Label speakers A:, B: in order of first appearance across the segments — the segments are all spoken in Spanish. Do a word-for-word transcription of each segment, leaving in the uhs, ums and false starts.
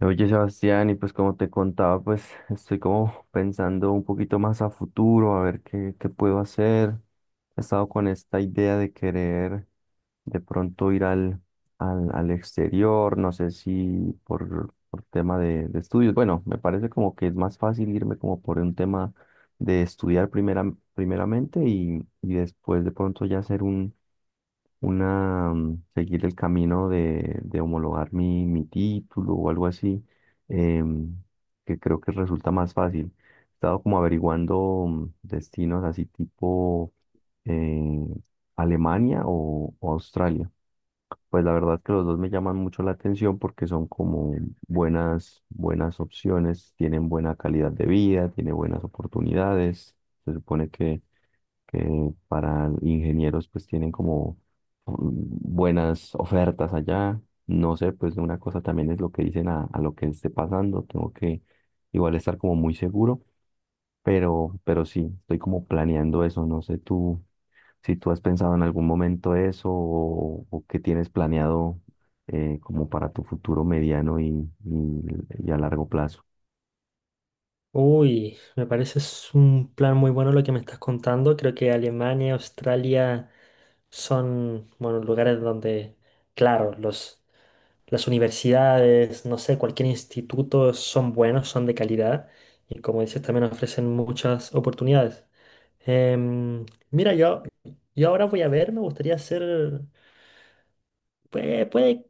A: Oye, Sebastián, y pues como te contaba, pues estoy como pensando un poquito más a futuro, a ver qué, qué puedo hacer. He estado con esta idea de querer de pronto ir al, al, al exterior, no sé si por, por tema de, de estudios. Bueno, me parece como que es más fácil irme como por un tema de estudiar primera, primeramente y, y después de pronto ya hacer un una, mm, seguir el camino de, de homologar mi, mi título o algo así, em, que creo que resulta más fácil. He estado como averiguando mm, destinos así tipo eh, Alemania o, o Australia. Pues la verdad que los dos me llaman mucho la atención porque son como buenas, buenas opciones, tienen buena calidad de vida, tienen buenas oportunidades. Se supone que, que para ingenieros pues tienen como mm, buenas ofertas allá. No sé, pues una cosa también es lo que dicen a, a lo que esté pasando. Tengo que igual estar como muy seguro, pero, pero sí, estoy como planeando eso. No sé tú si tú has pensado en algún momento eso o, o qué tienes planeado eh, como para tu futuro mediano y, y- y a largo plazo.
B: Uy, me parece es un plan muy bueno lo que me estás contando. Creo que Alemania, Australia son, bueno, lugares donde, claro, los, las universidades, no sé, cualquier instituto son buenos, son de calidad y como dices, también ofrecen muchas oportunidades. Em, mira, yo, yo ahora voy a ver, me gustaría hacer, puede, puede,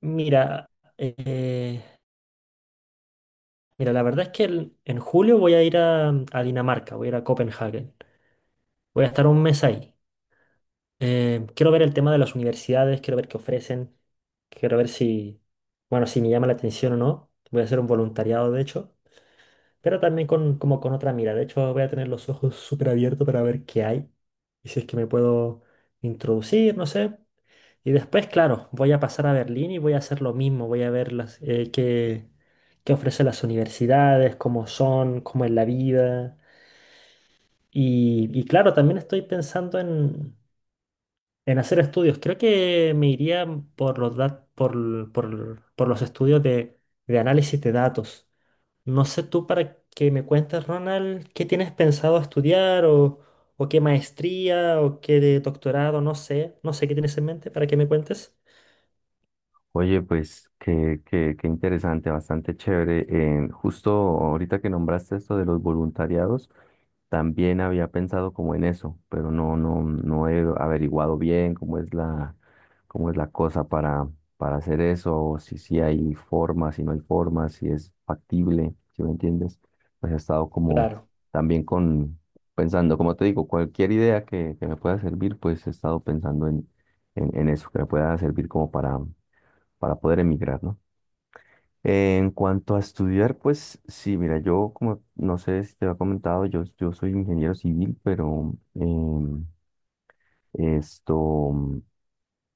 B: mira, eh, mira, la verdad es que el- en julio voy a ir a, a Dinamarca, voy a ir a Copenhague. Voy a estar un mes ahí. Eh, quiero ver el tema de las universidades, quiero ver qué ofrecen, quiero ver si, bueno, si me llama la atención o no. Voy a hacer un voluntariado, de hecho, pero también con, como con otra mira. De hecho, voy a tener los ojos súper abiertos para ver qué hay y si es que me puedo introducir, no sé. Y después, claro, voy a pasar a Berlín y voy a hacer lo mismo. Voy a ver las, eh, qué, qué ofrecen las universidades, cómo son, cómo es la vida. Y, y claro, también estoy pensando en... En hacer estudios, creo que me iría por los, dat- por, por- por los estudios de, de análisis de datos. No sé tú para que me cuentes, Ronald, qué tienes pensado estudiar o, o qué maestría o qué de doctorado, no sé, no sé qué tienes en mente para que me cuentes.
A: Oye, pues qué, qué, qué interesante, bastante chévere. Eh, justo ahorita que nombraste esto de los voluntariados. También había pensado como en eso, pero no, no, no he averiguado bien cómo es la, cómo es la cosa para, para hacer eso, o si sí hay forma, si no hay forma, si es factible, ¿si me entiendes? Pues he estado como
B: Claro,
A: también con pensando, como te digo, cualquier idea que, que me pueda servir, pues he estado pensando en, en, en eso, que me pueda servir como para, para poder emigrar, ¿no? Eh, en cuanto a estudiar, pues sí, mira, yo como no sé si te había comentado, yo, yo soy ingeniero civil, pero em, esto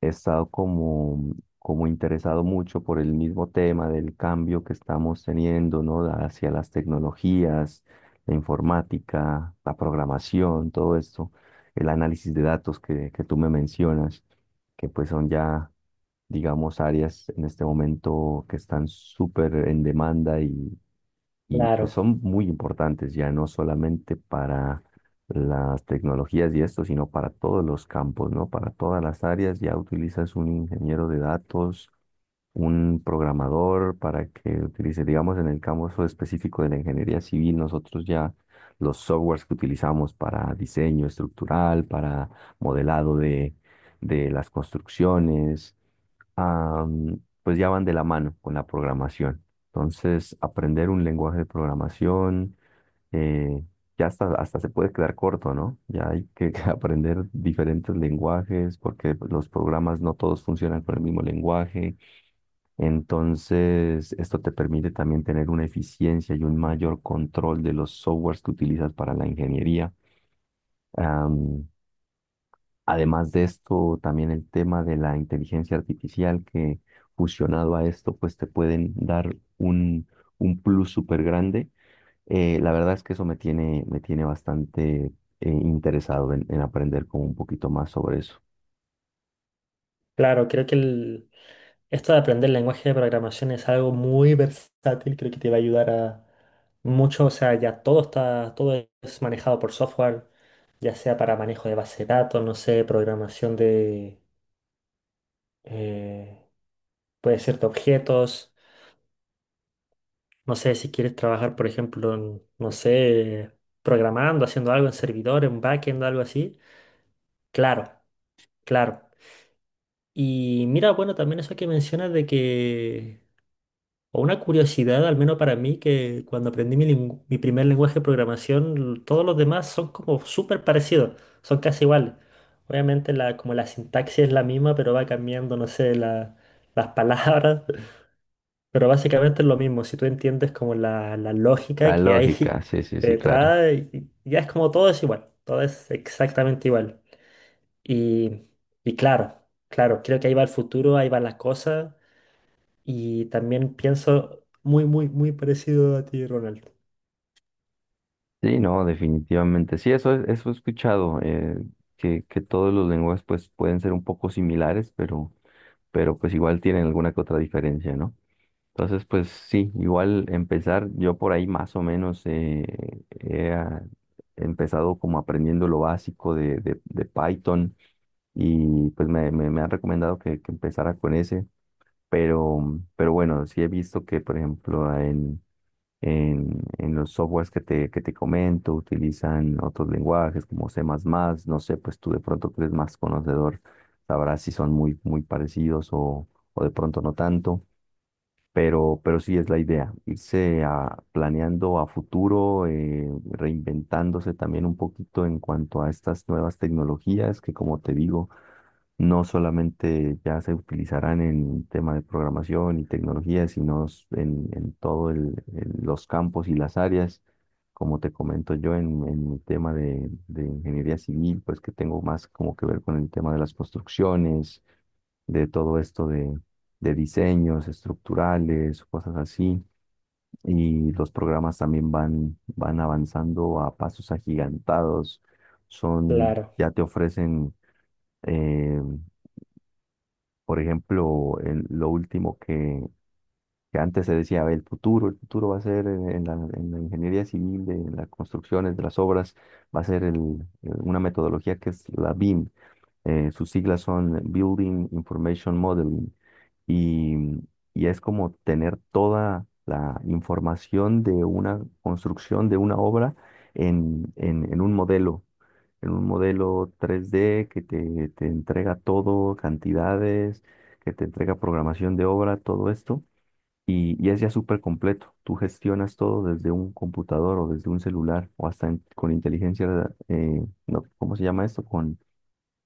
A: he estado como, como interesado mucho por el mismo tema del cambio que estamos teniendo, ¿no? Hacia las tecnologías, la informática, la programación, todo esto, el análisis de datos que, que tú me mencionas, que pues son ya, digamos, áreas en este momento que están súper en demanda y y pues
B: claro,
A: son muy importantes ya no solamente para las tecnologías y esto, sino para todos los campos, ¿no? Para todas las áreas ya utilizas un ingeniero de datos, un programador para que utilice, digamos, en el campo específico de la ingeniería civil, nosotros ya los softwares que utilizamos para diseño estructural, para modelado de, de las construcciones, am, pues ya van de la mano con la programación. Entonces, aprender un lenguaje de programación, eh, ya hasta, hasta se puede quedar corto, ¿no? Ya hay que aprender diferentes lenguajes porque pues, los programas no todos funcionan con el mismo lenguaje. Entonces, esto te permite también tener una eficiencia y un mayor control de los softwares que utilizas para la ingeniería. Además de esto, también el tema de la inteligencia artificial que fusionado a esto, pues te pueden dar un, un plus súper grande. Eh, la verdad es que eso me tiene, me tiene bastante eh, interesado en, en aprender como un poquito más sobre eso.
B: claro, creo que el, esto de aprender lenguaje de programación es algo muy versátil, creo que te va a ayudar a mucho, o sea, ya todo está, todo es manejado por software, ya sea para manejo de base de datos, no sé, programación de, eh, puede ser de objetos, no sé, si quieres trabajar, por ejemplo, en, no sé, programando, haciendo algo en servidores, un backend, algo así, claro, claro. Y mira, bueno, también eso que mencionas de que o una curiosidad, al menos para mí, que cuando aprendí mi, lingu- mi primer lenguaje de programación, todos los demás son como súper parecidos, son casi iguales. Obviamente la, como la sintaxis es la misma, pero va cambiando, no sé, la- las palabras, pero básicamente es lo mismo. Si tú entiendes como la, la lógica
A: La
B: que hay
A: lógica, sí, sí, sí, claro.
B: detrás, y- y ya es como todo es igual, todo es exactamente igual. Y, y claro, claro, creo que ahí va el futuro, ahí van las cosas. Y también pienso muy, muy, muy parecido a ti, Ronald.
A: Sí, no, definitivamente. Sí, eso, es- eso he escuchado, eh, que, que todos los lenguajes pues pueden ser un poco similares, pero, pero pues igual tienen alguna que otra diferencia, ¿no? Entonces, pues sí, igual empezar, yo por ahí más o menos eh, he ah, empezado como aprendiendo lo básico de, de- de Python y pues me, me, me han recomendado que, que empezara con ese, pero, pero bueno, sí he visto que, por ejemplo, en, en, en los softwares que te, que te comento utilizan otros lenguajes como C++, no sé, pues tú de pronto que eres más conocedor, sabrás si son muy, muy parecidos o, o de pronto no tanto. Pero, pero sí es la idea, irse a- planeando a futuro, eh, reinventándose también un poquito en cuanto a estas nuevas tecnologías que, como te digo, no solamente ya se utilizarán en tema de programación y tecnología, sino s- en, en todo el- el- los campos y las áreas. Como te comento yo en, en mi tema de, de ingeniería civil, pues que tengo más como que ver con el tema de las construcciones de todo esto de diseños estructurales, cosas así. Y los programas también van, van avanzando a pasos agigantados. Son,
B: Claro,
A: ya te ofrecen, eh, por ejemplo, el- lo último que, que antes se decía: "A ver, el futuro, el futuro va a ser en, en la, en la ingeniería civil, de las construcciones, de las obras, va a ser el- el- una metodología que es la B I M. Eh, sus siglas son Building Information Modeling, y, y es como tener toda la información de una construcción, de una obra en, en- en un modelo, en un modelo tres d que te, te entrega todo, cantidades, que te entrega programación de obra, todo esto". Y, y es ya súper completo. Tú gestionas todo desde un computador o desde un celular o hasta en- con inteligencia, eh, no, ¿cómo se llama esto? Con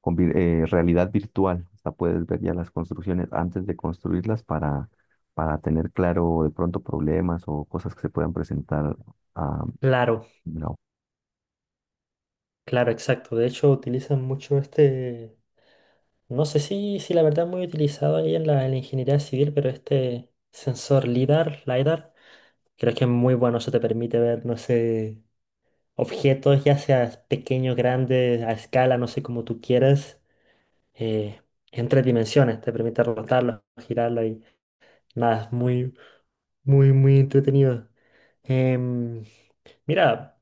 A: con vir- eh, realidad virtual. Hasta puedes ver ya las construcciones antes de construirlas para, para tener claro de pronto problemas o cosas que se puedan presentar. ah,
B: claro, claro, exacto. De hecho, utilizan mucho este, no sé si, si la verdad es muy utilizado ahí en la, en la ingeniería civil, pero este sensor LIDAR, LIDAR, creo que es muy bueno. Eso te permite ver, no sé, objetos, ya sea pequeños, grandes, a escala, no sé, como tú quieras, eh, en tres dimensiones. Te permite rotarlo, girarlo y nada, es muy, muy, muy entretenido. Em, Mira,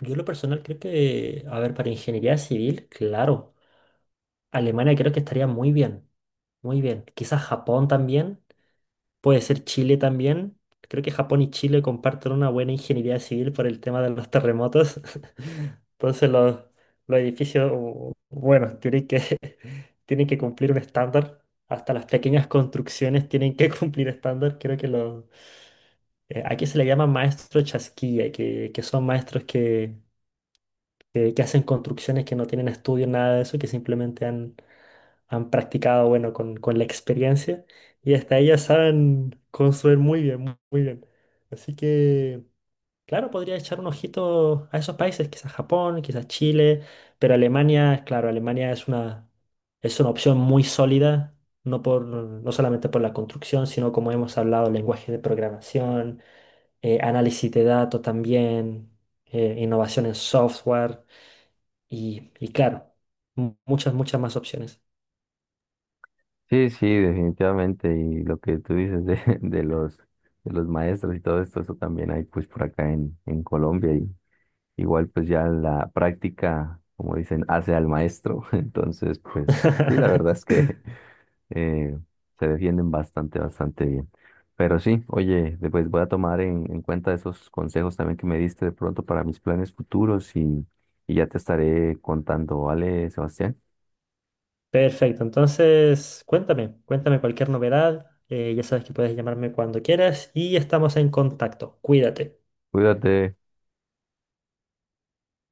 B: yo en lo personal creo que, a ver, para ingeniería civil, claro, Alemania creo que estaría muy bien, muy bien. Quizás Japón también, puede ser Chile también. Creo que Japón y Chile comparten una buena ingeniería civil por el tema de los terremotos. Entonces los, los edificios, u- bueno, tienen que, tienen que cumplir un estándar. Hasta las pequeñas construcciones tienen que cumplir estándar. Creo que los... eh, aquí se le llama maestro chasquilla, que, que son maestros que que, que hacen construcciones que no tienen estudio, nada de eso, que simplemente han, han practicado, bueno, con, con la experiencia y hasta ellas saben construir muy bien, mu- muy bien. Así que, claro, podría echar un ojito a esos países, quizás Japón, quizás Chile, pero Alemania, claro, Alemania es una, es una opción muy sólida. No, por, no solamente por la construcción, sino como hemos hablado, lenguaje de programación, eh, análisis de datos también, eh, innovación en software. Y, y claro, mu- muchas, muchas más opciones.
A: Sí, sí, definitivamente. Y lo que tú dices de, de los, de los maestros y todo esto, eso también hay pues por acá en, en Colombia. Y igual pues ya la práctica, como dicen, hace al maestro. Entonces, pues sí, la verdad es que eh, se defienden bastante, bastante bien. Pero sí, oye, después voy a tomar en, en cuenta esos consejos también que me diste de pronto para mis planes futuros y, y ya te estaré contando, ¿vale, Sebastián?
B: Perfecto, entonces cuéntame, cuéntame cualquier novedad. eh, ya sabes que puedes llamarme cuando quieras y estamos en contacto. Cuídate.
A: Cuídate.